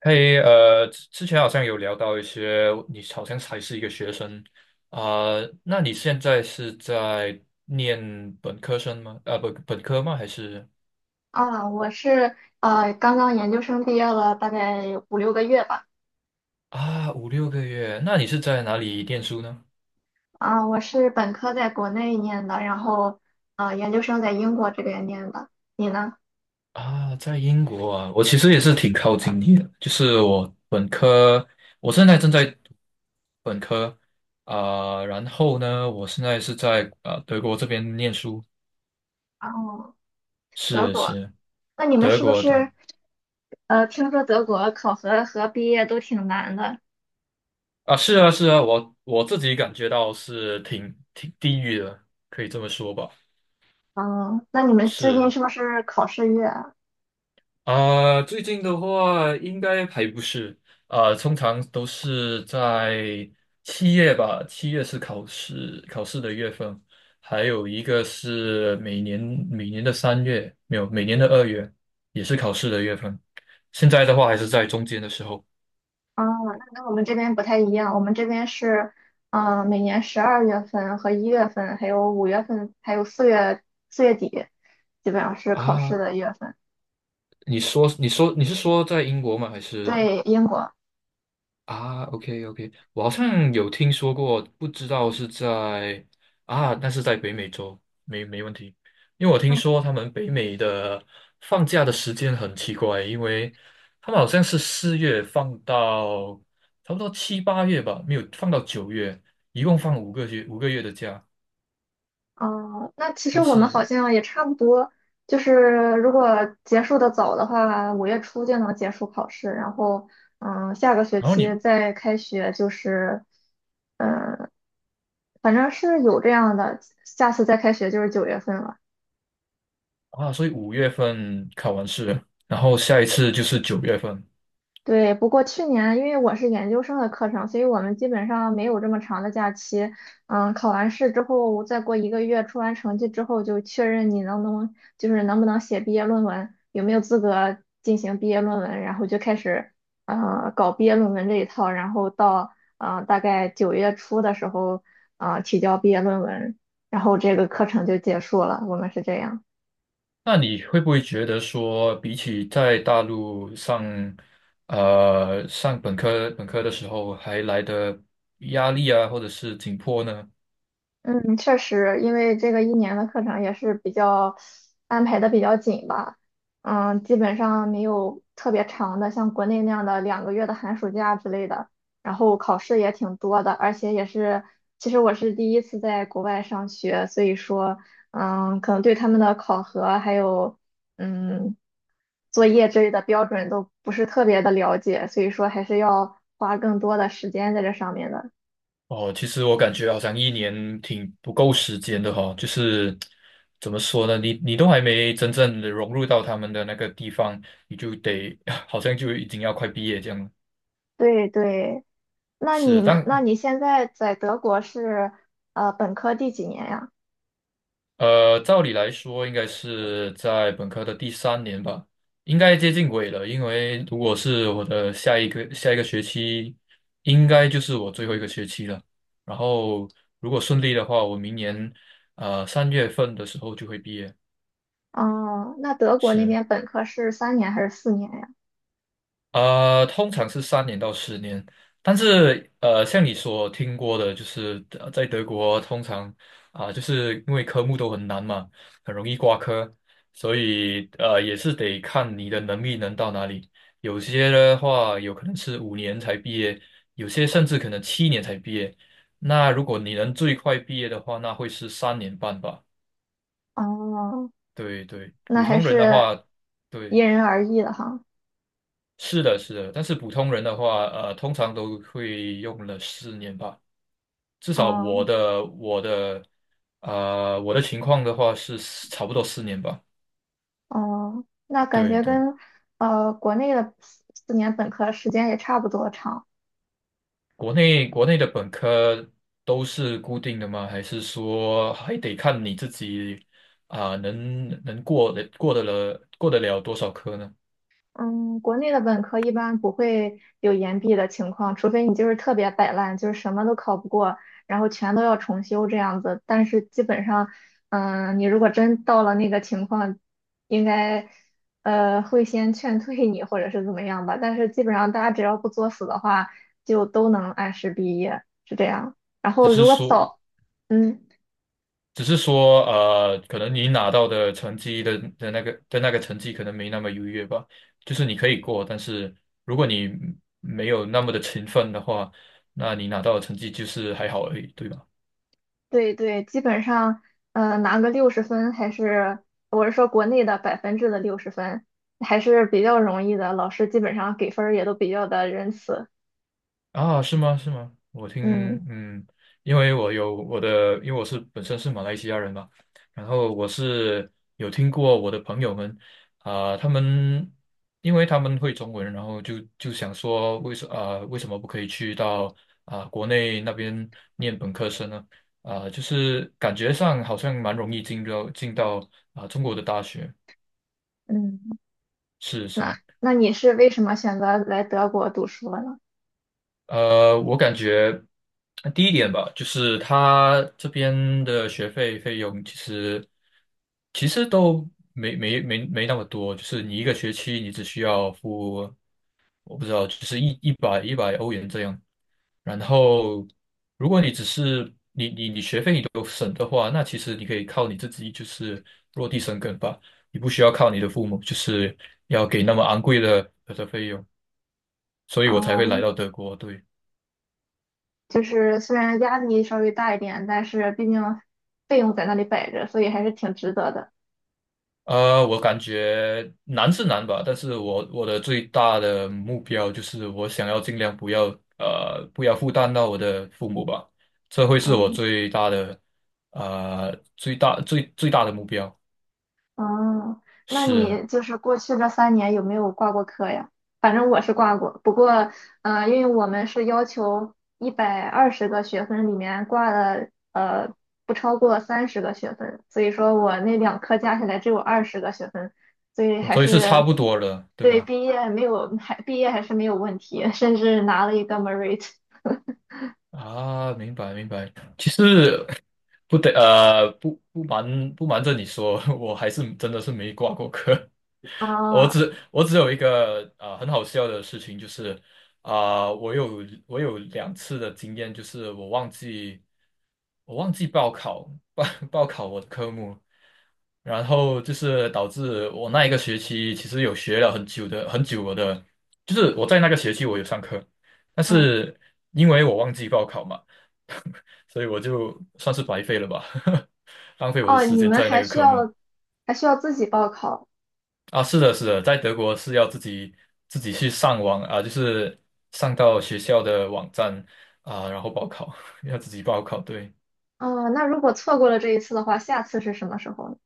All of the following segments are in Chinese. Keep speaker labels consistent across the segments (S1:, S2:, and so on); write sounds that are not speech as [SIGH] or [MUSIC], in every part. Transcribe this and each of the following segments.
S1: 嘿，之前好像有聊到一些，你好像还是一个学生啊。那你现在是在念本科生吗？啊，本科吗？还是
S2: 啊，我是刚刚研究生毕业了大概5、6个月吧。
S1: 啊，5、6个月？那你是在哪里念书呢？
S2: 啊，我是本科在国内念的，然后研究生在英国这边念的。你呢？
S1: 啊，在英国啊，我其实也是挺靠近你的，就是我本科，我现在正在读本科啊。然后呢，我现在是在德国这边念书。
S2: 哦，德
S1: 是
S2: 国？
S1: 是，
S2: 那你们
S1: 德
S2: 是不
S1: 国，对。
S2: 是听说德国考核和毕业都挺难的？
S1: 啊，是啊，是啊，我自己感觉到是挺地狱的，可以这么说吧。
S2: 嗯，那你们最近
S1: 是
S2: 是不是考试月啊？
S1: 啊，最近的话应该还不是啊。通常都是在七月吧，七月是考试的月份。还有一个是每年的三月，没有，每年的2月也是考试的月份。现在的话还是在中间的时候
S2: 啊，那跟我们这边不太一样，我们这边是，每年12月份和1月份，还有5月份，还有4月底，基本上是考试
S1: 啊。
S2: 的月份。
S1: 你说，你说，你是说在英国吗？还是？
S2: 对，英国。
S1: 啊，OK OK，我好像有听说过，不知道是在，那是在北美洲，没问题。因为我听
S2: 嗯，
S1: 说他们北美的放假的时间很奇怪，因为他们好像是4月放到差不多7、8月吧，没有放到九月，一共放五个月的假。
S2: 哦那其实
S1: 但
S2: 我们
S1: 是
S2: 好像也差不多，就是如果结束的早的话，5月初就能结束考试，然后，嗯，下个学
S1: 然后
S2: 期
S1: 你
S2: 再开学就是，嗯，反正是有这样的，下次再开学就是9月份了。
S1: 啊，所以5月份考完试了然后下一次就是9月份。
S2: 对，不过去年因为我是研究生的课程，所以我们基本上没有这么长的假期。嗯，考完试之后，再过一个月出完成绩之后，就确认你能不能，就是能不能写毕业论文，有没有资格进行毕业论文，然后就开始搞毕业论文这一套，然后到大概9月初的时候，提交毕业论文，然后这个课程就结束了。我们是这样。
S1: 那你会不会觉得说，比起在大陆上，上本科的时候，还来的压力啊，或者是紧迫呢？
S2: 嗯，确实，因为这个一年的课程也是比较安排的比较紧吧，嗯，基本上没有特别长的，像国内那样的2个月的寒暑假之类的。然后考试也挺多的，而且也是，其实我是第一次在国外上学，所以说，可能对他们的考核还有，嗯，作业之类的标准都不是特别的了解，所以说还是要花更多的时间在这上面的。
S1: 哦，其实我感觉好像一年挺不够时间的哈、就是怎么说呢，你都还没真正的融入到他们的那个地方，你就得 [LAUGHS] 好像就已经要快毕业这样了。
S2: 对对。那你
S1: 是，
S2: 们，那
S1: 但
S2: 你现在在德国是本科第几年呀？
S1: 呃，照理来说，应该是在本科的第3年吧，应该接近尾了。因为如果是我的下一个学期，应该就是我最后一个学期了。然后，如果顺利的话，我明年3月份的时候就会毕业。
S2: 哦，那德国那
S1: 是。
S2: 边本科是三年还是四年呀？
S1: 通常是3年到10年。但是像你所听过的，就是在德国通常就是因为科目都很难嘛，很容易挂科。所以也是得看你的能力能到哪里。有些的话，有可能是5年才毕业，有些甚至可能7年才毕业。那如果你能最快毕业的话，那会是3年半吧？
S2: 哦，
S1: 对对，
S2: 那
S1: 普
S2: 还
S1: 通人的
S2: 是
S1: 话，对。
S2: 因人而异的哈。
S1: 是的，是的，但是普通人的话，通常都会用了四年吧。至少
S2: 哦
S1: 我的情况的话是差不多四年吧。
S2: 哦，那感
S1: 对
S2: 觉
S1: 对，
S2: 跟国内的四年本科时间也差不多长。
S1: 国内的本科都是固定的吗？还是说还得看你自己能过得了多少科呢？
S2: 嗯，国内的本科一般不会有延毕的情况，除非你就是特别摆烂，就是什么都考不过，然后全都要重修这样子。但是基本上，你如果真到了那个情况，应该会先劝退你或者是怎么样吧。但是基本上大家只要不作死的话，就都能按时毕业，是这样。然
S1: 只
S2: 后
S1: 是
S2: 如果
S1: 说
S2: 早，嗯。
S1: 只是说，可能你拿到的成绩的的那个的那个成绩可能没那么优越吧，就是你可以过，但是如果你没有那么的勤奋的话，那你拿到的成绩就是还好而已，对吧？
S2: 对对，基本上，拿个六十分还是，我是说国内的百分制的六十分，还是比较容易的。老师基本上给分儿也都比较的仁慈。
S1: 啊，是吗？是吗？我听，
S2: 嗯
S1: 嗯，因为我有我的，因为我是本身是马来西亚人嘛，然后我是有听过我的朋友们。啊、他们因为他们会中文，然后就想说为什么不可以去到国内那边念本科生呢？就是感觉上好像蛮容易进到中国的大学。
S2: 嗯，
S1: 是
S2: 那
S1: 是。
S2: 那你是为什么选择来德国读书了呢？
S1: 我感觉第一点吧，就是他这边的学费费用其实都没那么多。就是你一个学期你只需要付，我不知道，就是一百欧元这样。然后，如果你只是你你你学费你都省的话，那其实你可以靠你自己就是落地生根吧，你不需要靠你的父母，就是要给那么昂贵的费用，所以我才会来
S2: 哦，
S1: 到德国，对。
S2: 就是虽然压力稍微大一点，但是毕竟费用在那里摆着，所以还是挺值得的。
S1: 我感觉难是难吧，但是我的最大的目标就是我想要尽量不要负担到我的父母吧。这会是我
S2: 嗯。
S1: 最大的目标，
S2: 嗯，那
S1: 是。
S2: 你就是过去这三年有没有挂过科呀？反正我是挂过，不过，因为我们是要求120个学分里面挂了不超过30个学分，所以说我那两科加起来只有二十个学分，所以还
S1: 所以是差
S2: 是
S1: 不多了，对
S2: 对
S1: 吧？
S2: 毕业没有还毕业还是没有问题，甚至拿了一个 merit
S1: 啊，明白明白。其实不瞒着你说，[LAUGHS] 我还是真的是没挂过科。我
S2: 啊，
S1: 只我只有一个很好笑的事情，就是我有2次的经验。就是我忘记报考我的科目，然后就是导致我那一个学期其实有学了很久我的，就是我在那个学期我有上课，但
S2: 嗯，
S1: 是因为我忘记报考嘛。[LAUGHS] 所以我就算是白费了吧，[LAUGHS] 浪费我的
S2: 哦，
S1: 时
S2: 你
S1: 间
S2: 们
S1: 在那
S2: 还
S1: 个
S2: 需
S1: 科目。
S2: 要自己报考
S1: 啊，是的，是的，在德国是要自己去上网啊，就是上到学校的网站啊，然后报考，[LAUGHS] 要自己报考。对。
S2: 哦，那如果错过了这一次的话，下次是什么时候呢？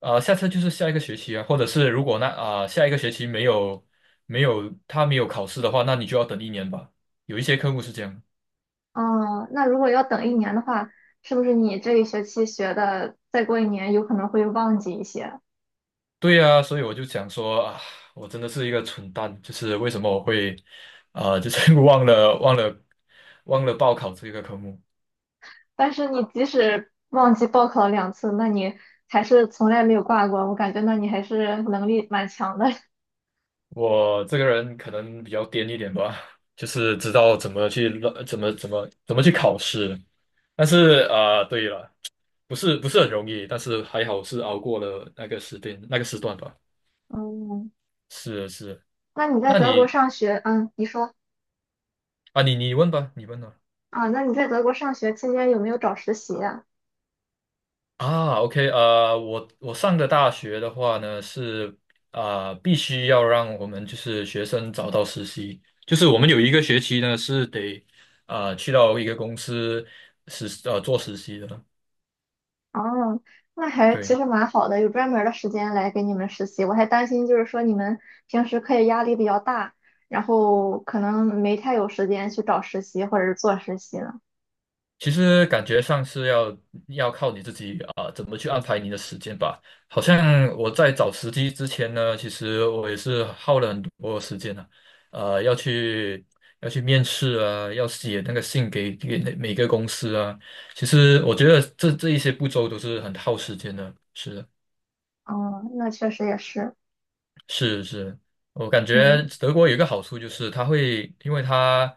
S1: 啊，下次就是下一个学期啊，或者是如果下一个学期没有考试的话，那你就要等一年吧。有一些科目是这样。
S2: 哦，那如果要等一年的话，是不是你这一学期学的，再过一年有可能会忘记一些？
S1: 对呀，所以我就想说啊，我真的是一个蠢蛋，就是为什么我会啊，就是 [LAUGHS] 忘了报考这个科目。
S2: 但是你即使忘记报考了2次，那你还是从来没有挂过，我感觉那你还是能力蛮强的。[LAUGHS]
S1: 我这个人可能比较癫一点吧，就是知道怎么去乱怎么怎么怎么去考试。但是对了，不是很容易，但是还好是熬过了那个时间那个时段吧。
S2: 嗯，
S1: 是是，
S2: 那你在
S1: 那
S2: 德国
S1: 你
S2: 上学，你说
S1: 啊，你问吧，你问吧。
S2: 啊，那你在德国上学期间有没有找实习呀？
S1: 啊，OK，我上的大学的话呢，是必须要让我们就是学生找到实习，就是我们有一个学期呢是得去到一个公司做实习的。
S2: 哦，那还其
S1: 对，
S2: 实蛮好的，有专门儿的时间来给你们实习。我还担心就是说你们平时课业压力比较大，然后可能没太有时间去找实习或者是做实习了。
S1: 其实感觉上是要靠你自己怎么去安排你的时间吧。好像我在找时机之前呢，其实我也是耗了很多时间啊，呃，要去要去面试啊，要写那个信给每个公司啊。其实我觉得这一些步骤都是很耗时间的，是的。
S2: 哦，那确实也是，
S1: 是是，我感觉
S2: 嗯
S1: 德国有一个好处就是它会，因为它，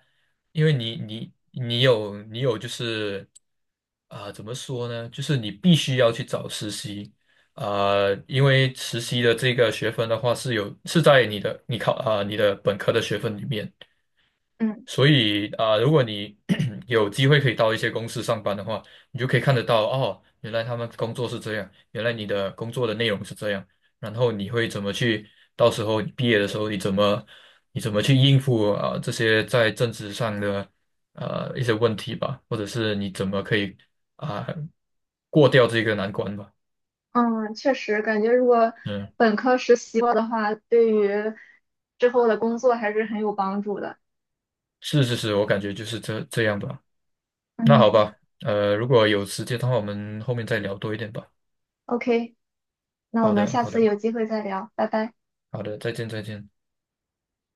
S1: 因为你有就是怎么说呢？就是你必须要去找实习。因为实习的这个学分的话是在你的本科的学分里面。
S2: 嗯
S1: 所以如果你 [CLEARS THROAT] 有机会可以到一些公司上班的话，你就可以看得到哦，原来他们工作是这样，原来你的工作的内容是这样。然后你会怎么去，到时候你毕业的时候你怎么去应付这些在政治上的一些问题吧，或者是你怎么可以啊、过掉这个难关吧？
S2: 嗯，确实感觉如果
S1: 嗯，
S2: 本科实习过的话，对于之后的工作还是很有帮助的。
S1: 是是是，我感觉就是这样吧。那好
S2: 嗯
S1: 吧，如果有时间的话，我们后面再聊多一点吧。
S2: ，OK,那我
S1: 好
S2: 们
S1: 的，
S2: 下
S1: 好
S2: 次
S1: 的。
S2: 有机会再聊，拜拜。
S1: 好的，再见，再见。